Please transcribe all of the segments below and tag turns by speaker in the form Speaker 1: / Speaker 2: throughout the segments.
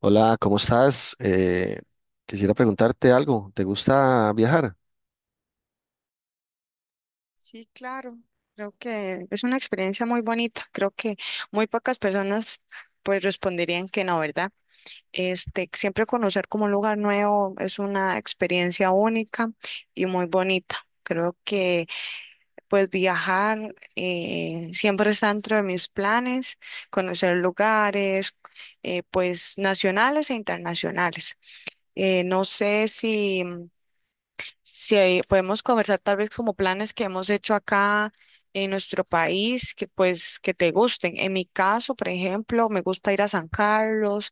Speaker 1: Hola, ¿cómo estás? Quisiera preguntarte algo. ¿Te gusta viajar?
Speaker 2: Sí, claro. Creo que es una experiencia muy bonita. Creo que muy pocas personas pues responderían que no, ¿verdad? Este, siempre conocer como un lugar nuevo es una experiencia única y muy bonita. Creo que pues viajar siempre está dentro de mis planes, conocer lugares pues nacionales e internacionales. No sé si podemos conversar tal vez como planes que hemos hecho acá en nuestro país, que pues que te gusten. En mi caso, por ejemplo, me gusta ir a San Carlos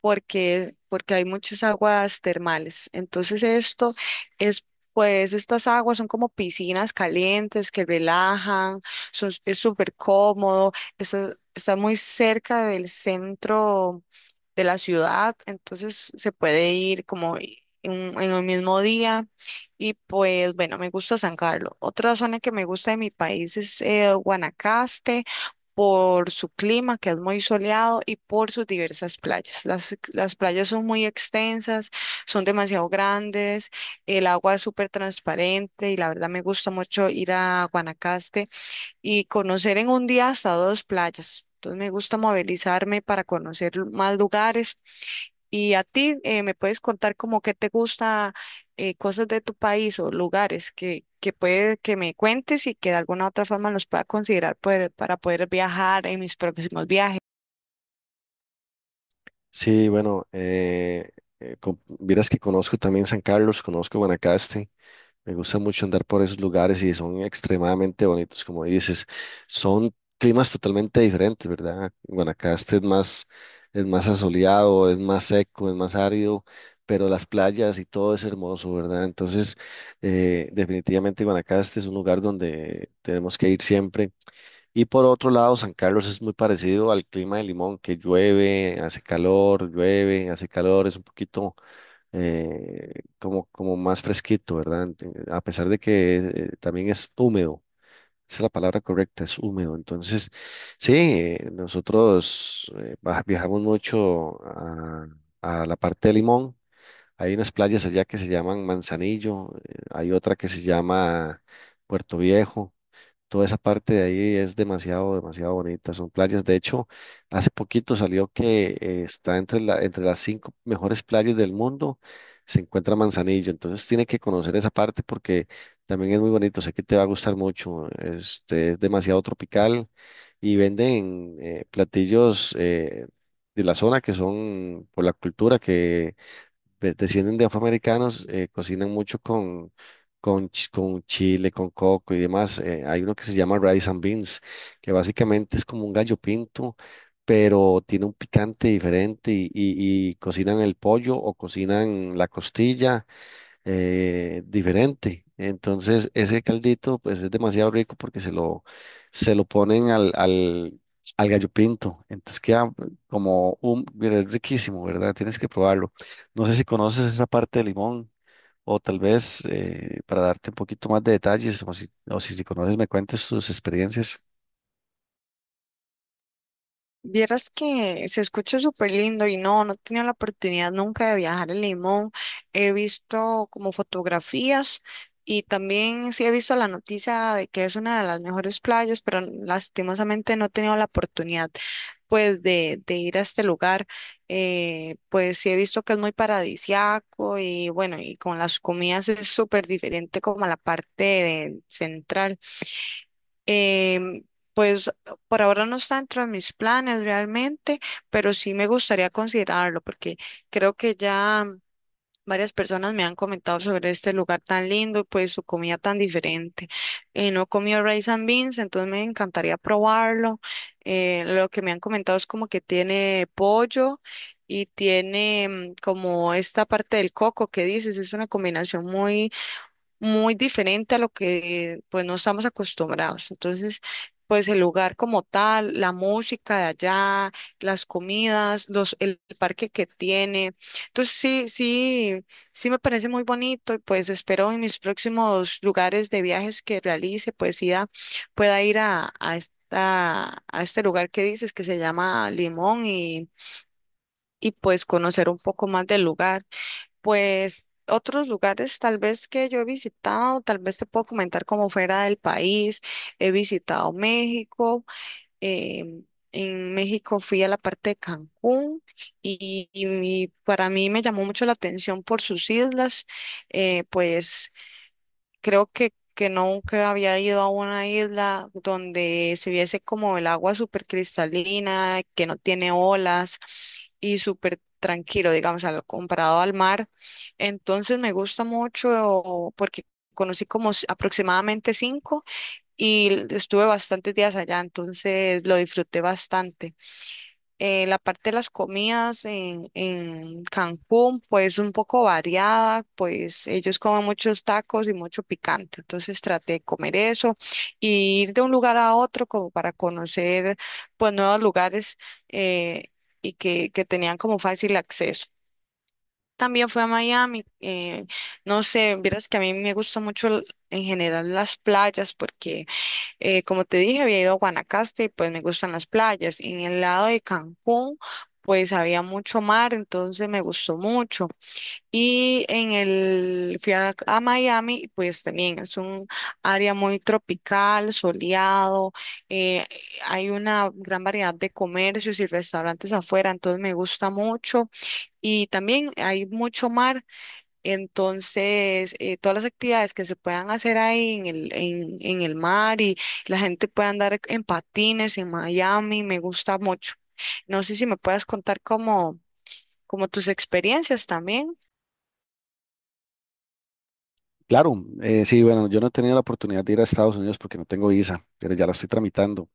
Speaker 2: porque hay muchas aguas termales. Entonces esto es, pues estas aguas son como piscinas calientes que relajan, es súper cómodo, está muy cerca del centro de la ciudad, entonces se puede ir como en el mismo día. Y pues bueno, me gusta San Carlos. Otra zona que me gusta de mi país es Guanacaste por su clima, que es muy soleado, y por sus diversas playas. Las playas son muy extensas, son demasiado grandes, el agua es súper transparente y la verdad me gusta mucho ir a Guanacaste y conocer en un día hasta dos playas. Entonces me gusta movilizarme para conocer más lugares. Y a ti, ¿me puedes contar como qué te gusta, cosas de tu país o lugares que puede que me cuentes y que de alguna otra forma los pueda considerar para poder viajar en mis próximos viajes?
Speaker 1: Sí, bueno, vieras que conozco también San Carlos, conozco Guanacaste. Me gusta mucho andar por esos lugares y son extremadamente bonitos, como dices. Son climas totalmente diferentes, ¿verdad? Guanacaste es más asoleado, es más seco, es más árido, pero las playas y todo es hermoso, ¿verdad? Entonces, definitivamente Guanacaste es un lugar donde tenemos que ir siempre. Y por otro lado, San Carlos es muy parecido al clima de Limón, que llueve, hace calor, es un poquito eh, como más fresquito, ¿verdad? A pesar de que también es húmedo, esa es la palabra correcta, es húmedo. Entonces, sí, nosotros viajamos mucho a la parte de Limón. Hay unas playas allá que se llaman Manzanillo, hay otra que se llama Puerto Viejo. Toda esa parte de ahí es demasiado, demasiado bonita. Son playas. De hecho, hace poquito salió que está entre las cinco mejores playas del mundo. Se encuentra Manzanillo. Entonces tiene que conocer esa parte porque también es muy bonito. Sé que te va a gustar mucho. Este, es demasiado tropical y venden platillos de la zona que son por la cultura que descienden de afroamericanos, cocinan mucho con chile, con coco y demás. Hay uno que se llama rice and beans, que básicamente es como un gallo pinto, pero tiene un picante diferente y cocinan el pollo o cocinan la costilla diferente. Entonces, ese caldito, pues es demasiado rico porque se lo ponen al gallo pinto. Entonces queda como un, mira, es riquísimo, ¿verdad? Tienes que probarlo. No sé si conoces esa parte de limón o tal vez para darte un poquito más de detalles o si, si conoces me cuentes tus experiencias.
Speaker 2: Vieras que se escucha súper lindo y no he tenido la oportunidad nunca de viajar a Limón. He visto como fotografías y también sí he visto la noticia de que es una de las mejores playas, pero lastimosamente no he tenido la oportunidad pues de ir a este lugar. Pues sí he visto que es muy paradisiaco y bueno, y con las comidas es súper diferente como a la central. Em, pues por ahora no está dentro de mis planes realmente, pero sí me gustaría considerarlo porque creo que ya varias personas me han comentado sobre este lugar tan lindo y pues su comida tan diferente. No he comido rice and beans, entonces me encantaría probarlo. Lo que me han comentado es como que tiene pollo y tiene como esta parte del coco que dices, es una combinación muy diferente a lo que pues no estamos acostumbrados. Entonces, pues el lugar como tal, la música de allá, las comidas, el parque que tiene. Entonces, sí me parece muy bonito y pues espero en mis próximos lugares de viajes que realice, pues pueda ir a esta, a este lugar que dices que se llama Limón y pues conocer un poco más del lugar. Pues otros lugares tal vez que yo he visitado, tal vez te puedo comentar como fuera del país. He visitado México. em, en México fui a la parte de Cancún y, para mí me llamó mucho la atención por sus islas. Pues creo que nunca había ido a una isla donde se viese como el agua súper cristalina, que no tiene olas y súper tranquilo, digamos, comparado al mar. Entonces me gusta mucho porque conocí como aproximadamente cinco y estuve bastantes días allá, entonces lo disfruté bastante. La parte de las comidas en Cancún, pues un poco variada, pues ellos comen muchos tacos y mucho picante, entonces traté de comer eso y ir de un lugar a otro como para conocer pues nuevos lugares eh, y que tenían como fácil acceso. También fui a Miami, no sé, vieras que a mí me gusta mucho en general las playas porque como te dije, había ido a Guanacaste y pues me gustan las playas. En el lado de Cancún, pues había mucho mar, entonces me gustó mucho. Y fui a Miami, y pues también es un área muy tropical, soleado, eh, hay una gran variedad de comercios y restaurantes afuera, entonces me gusta mucho. Y también hay mucho mar. Entonces, todas las actividades que se puedan hacer ahí en el mar y la gente puede andar en patines en Miami, me gusta mucho. No sé si me puedas contar como, como tus experiencias también.
Speaker 1: Claro, sí, bueno, yo no he tenido la oportunidad de ir a Estados Unidos porque no tengo visa, pero ya la estoy tramitando.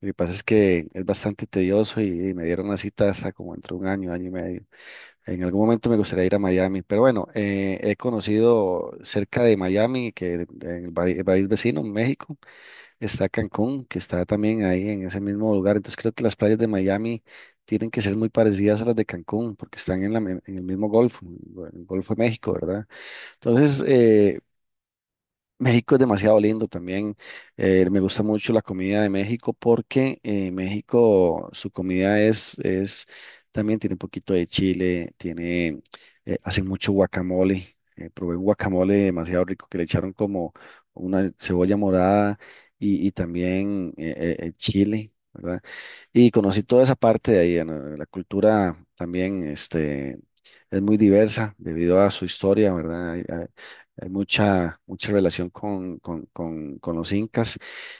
Speaker 1: Lo que pasa es que es bastante tedioso y me dieron una cita hasta como entre un año, año y medio. En algún momento me gustaría ir a Miami, pero bueno, he conocido cerca de Miami, que en el país vecino, México, está Cancún, que está también ahí en ese mismo lugar. Entonces creo que las playas de Miami tienen que ser muy parecidas a las de Cancún porque están en el mismo Golfo, en el Golfo de México, ¿verdad? Entonces, México es demasiado lindo también. Me gusta mucho la comida de México porque México, su es, también tiene un poquito de chile, hacen mucho guacamole. Probé un guacamole demasiado rico que le echaron como una cebolla morada y también chile, ¿verdad? Y conocí toda esa parte de ahí. ¿No? La cultura también, este, es muy diversa debido a su historia, ¿verdad? Hay mucha, mucha relación con los incas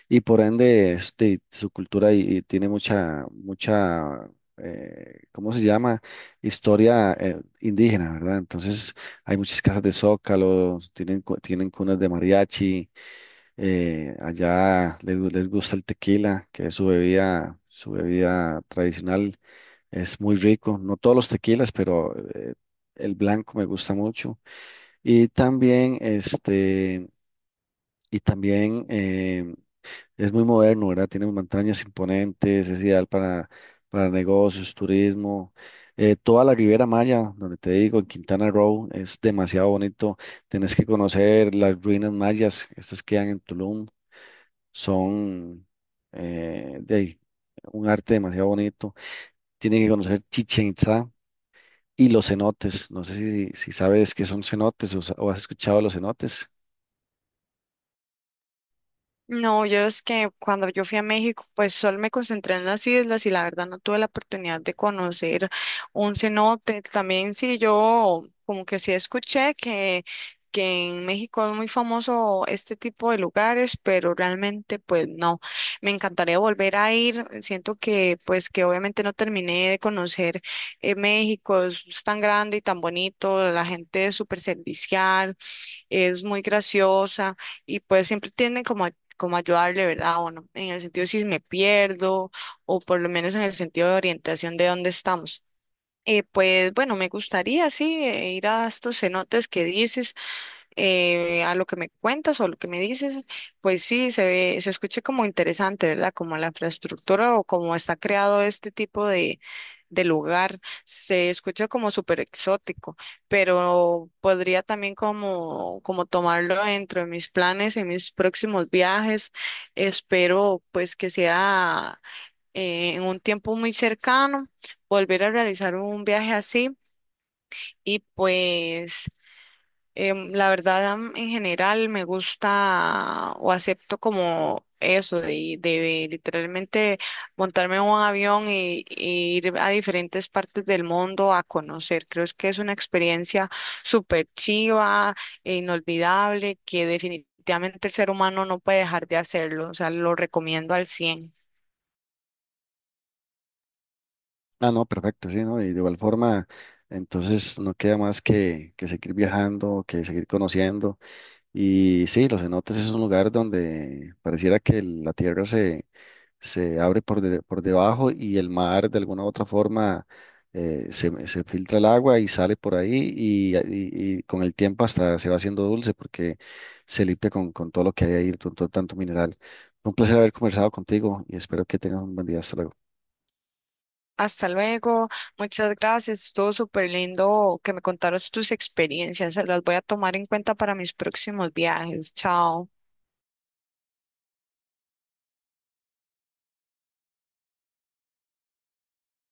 Speaker 1: y por ende este, su cultura y tiene mucha, mucha, ¿cómo se llama? Historia indígena, ¿verdad? Entonces hay muchas casas de zócalo, tienen cunas de mariachi, allá les gusta el tequila, que es su bebida tradicional, es muy rico, no todos los tequilas, pero el blanco me gusta mucho. Y también, este, y también es muy moderno, ¿verdad? Tiene montañas imponentes, es ideal para negocios, turismo. Toda la Riviera Maya, donde te digo, en Quintana Roo, es demasiado bonito. Tienes que conocer las ruinas mayas, estas quedan en Tulum, son de ahí, un arte demasiado bonito. Tienen que conocer Chichen Itza y los cenotes. No sé si sabes qué son cenotes o o has escuchado de los cenotes.
Speaker 2: No, yo es que cuando yo fui a México, pues solo me concentré en las islas y la verdad no tuve la oportunidad de conocer un cenote. También sí, yo como que sí escuché que en México es muy famoso este tipo de lugares, pero realmente pues no. Me encantaría volver a ir. Siento que pues que obviamente no terminé de conocer México, es tan grande y tan bonito, la gente es súper servicial, es muy graciosa y pues siempre tiene como, como ayudarle, ¿verdad? O no, en el sentido si me pierdo o por lo menos en el sentido de orientación de dónde estamos. Pues bueno, me gustaría, sí, ir a estos cenotes que dices, a lo que me cuentas o lo que me dices, pues sí, se ve, se escucha como interesante, ¿verdad? Como la infraestructura o como está creado este tipo de lugar, se escucha como súper exótico, pero podría también como, como tomarlo dentro de mis planes, en mis próximos viajes. Espero pues que sea en un tiempo muy cercano volver a realizar un viaje así. Y pues la verdad, en general me gusta o acepto como eso de literalmente montarme en un avión y ir a diferentes partes del mundo a conocer. Creo es que es una experiencia súper chiva e inolvidable que definitivamente el ser humano no puede dejar de hacerlo. O sea, lo recomiendo al 100.
Speaker 1: Ah, no, perfecto, sí, ¿no? Y de igual forma, entonces no queda más que seguir viajando, que seguir conociendo. Y sí, los cenotes es un lugar donde pareciera que la tierra se se, abre por debajo y el mar de alguna u otra forma se filtra el agua y sale por ahí y con el tiempo hasta se va haciendo dulce porque se limpia con todo lo que hay ahí, con todo tanto mineral. Fue un placer haber conversado contigo y espero que tengas un buen día. Hasta luego.
Speaker 2: Hasta luego, muchas gracias, estuvo súper lindo que me contaras tus experiencias, las voy a tomar en cuenta para mis próximos viajes, chao.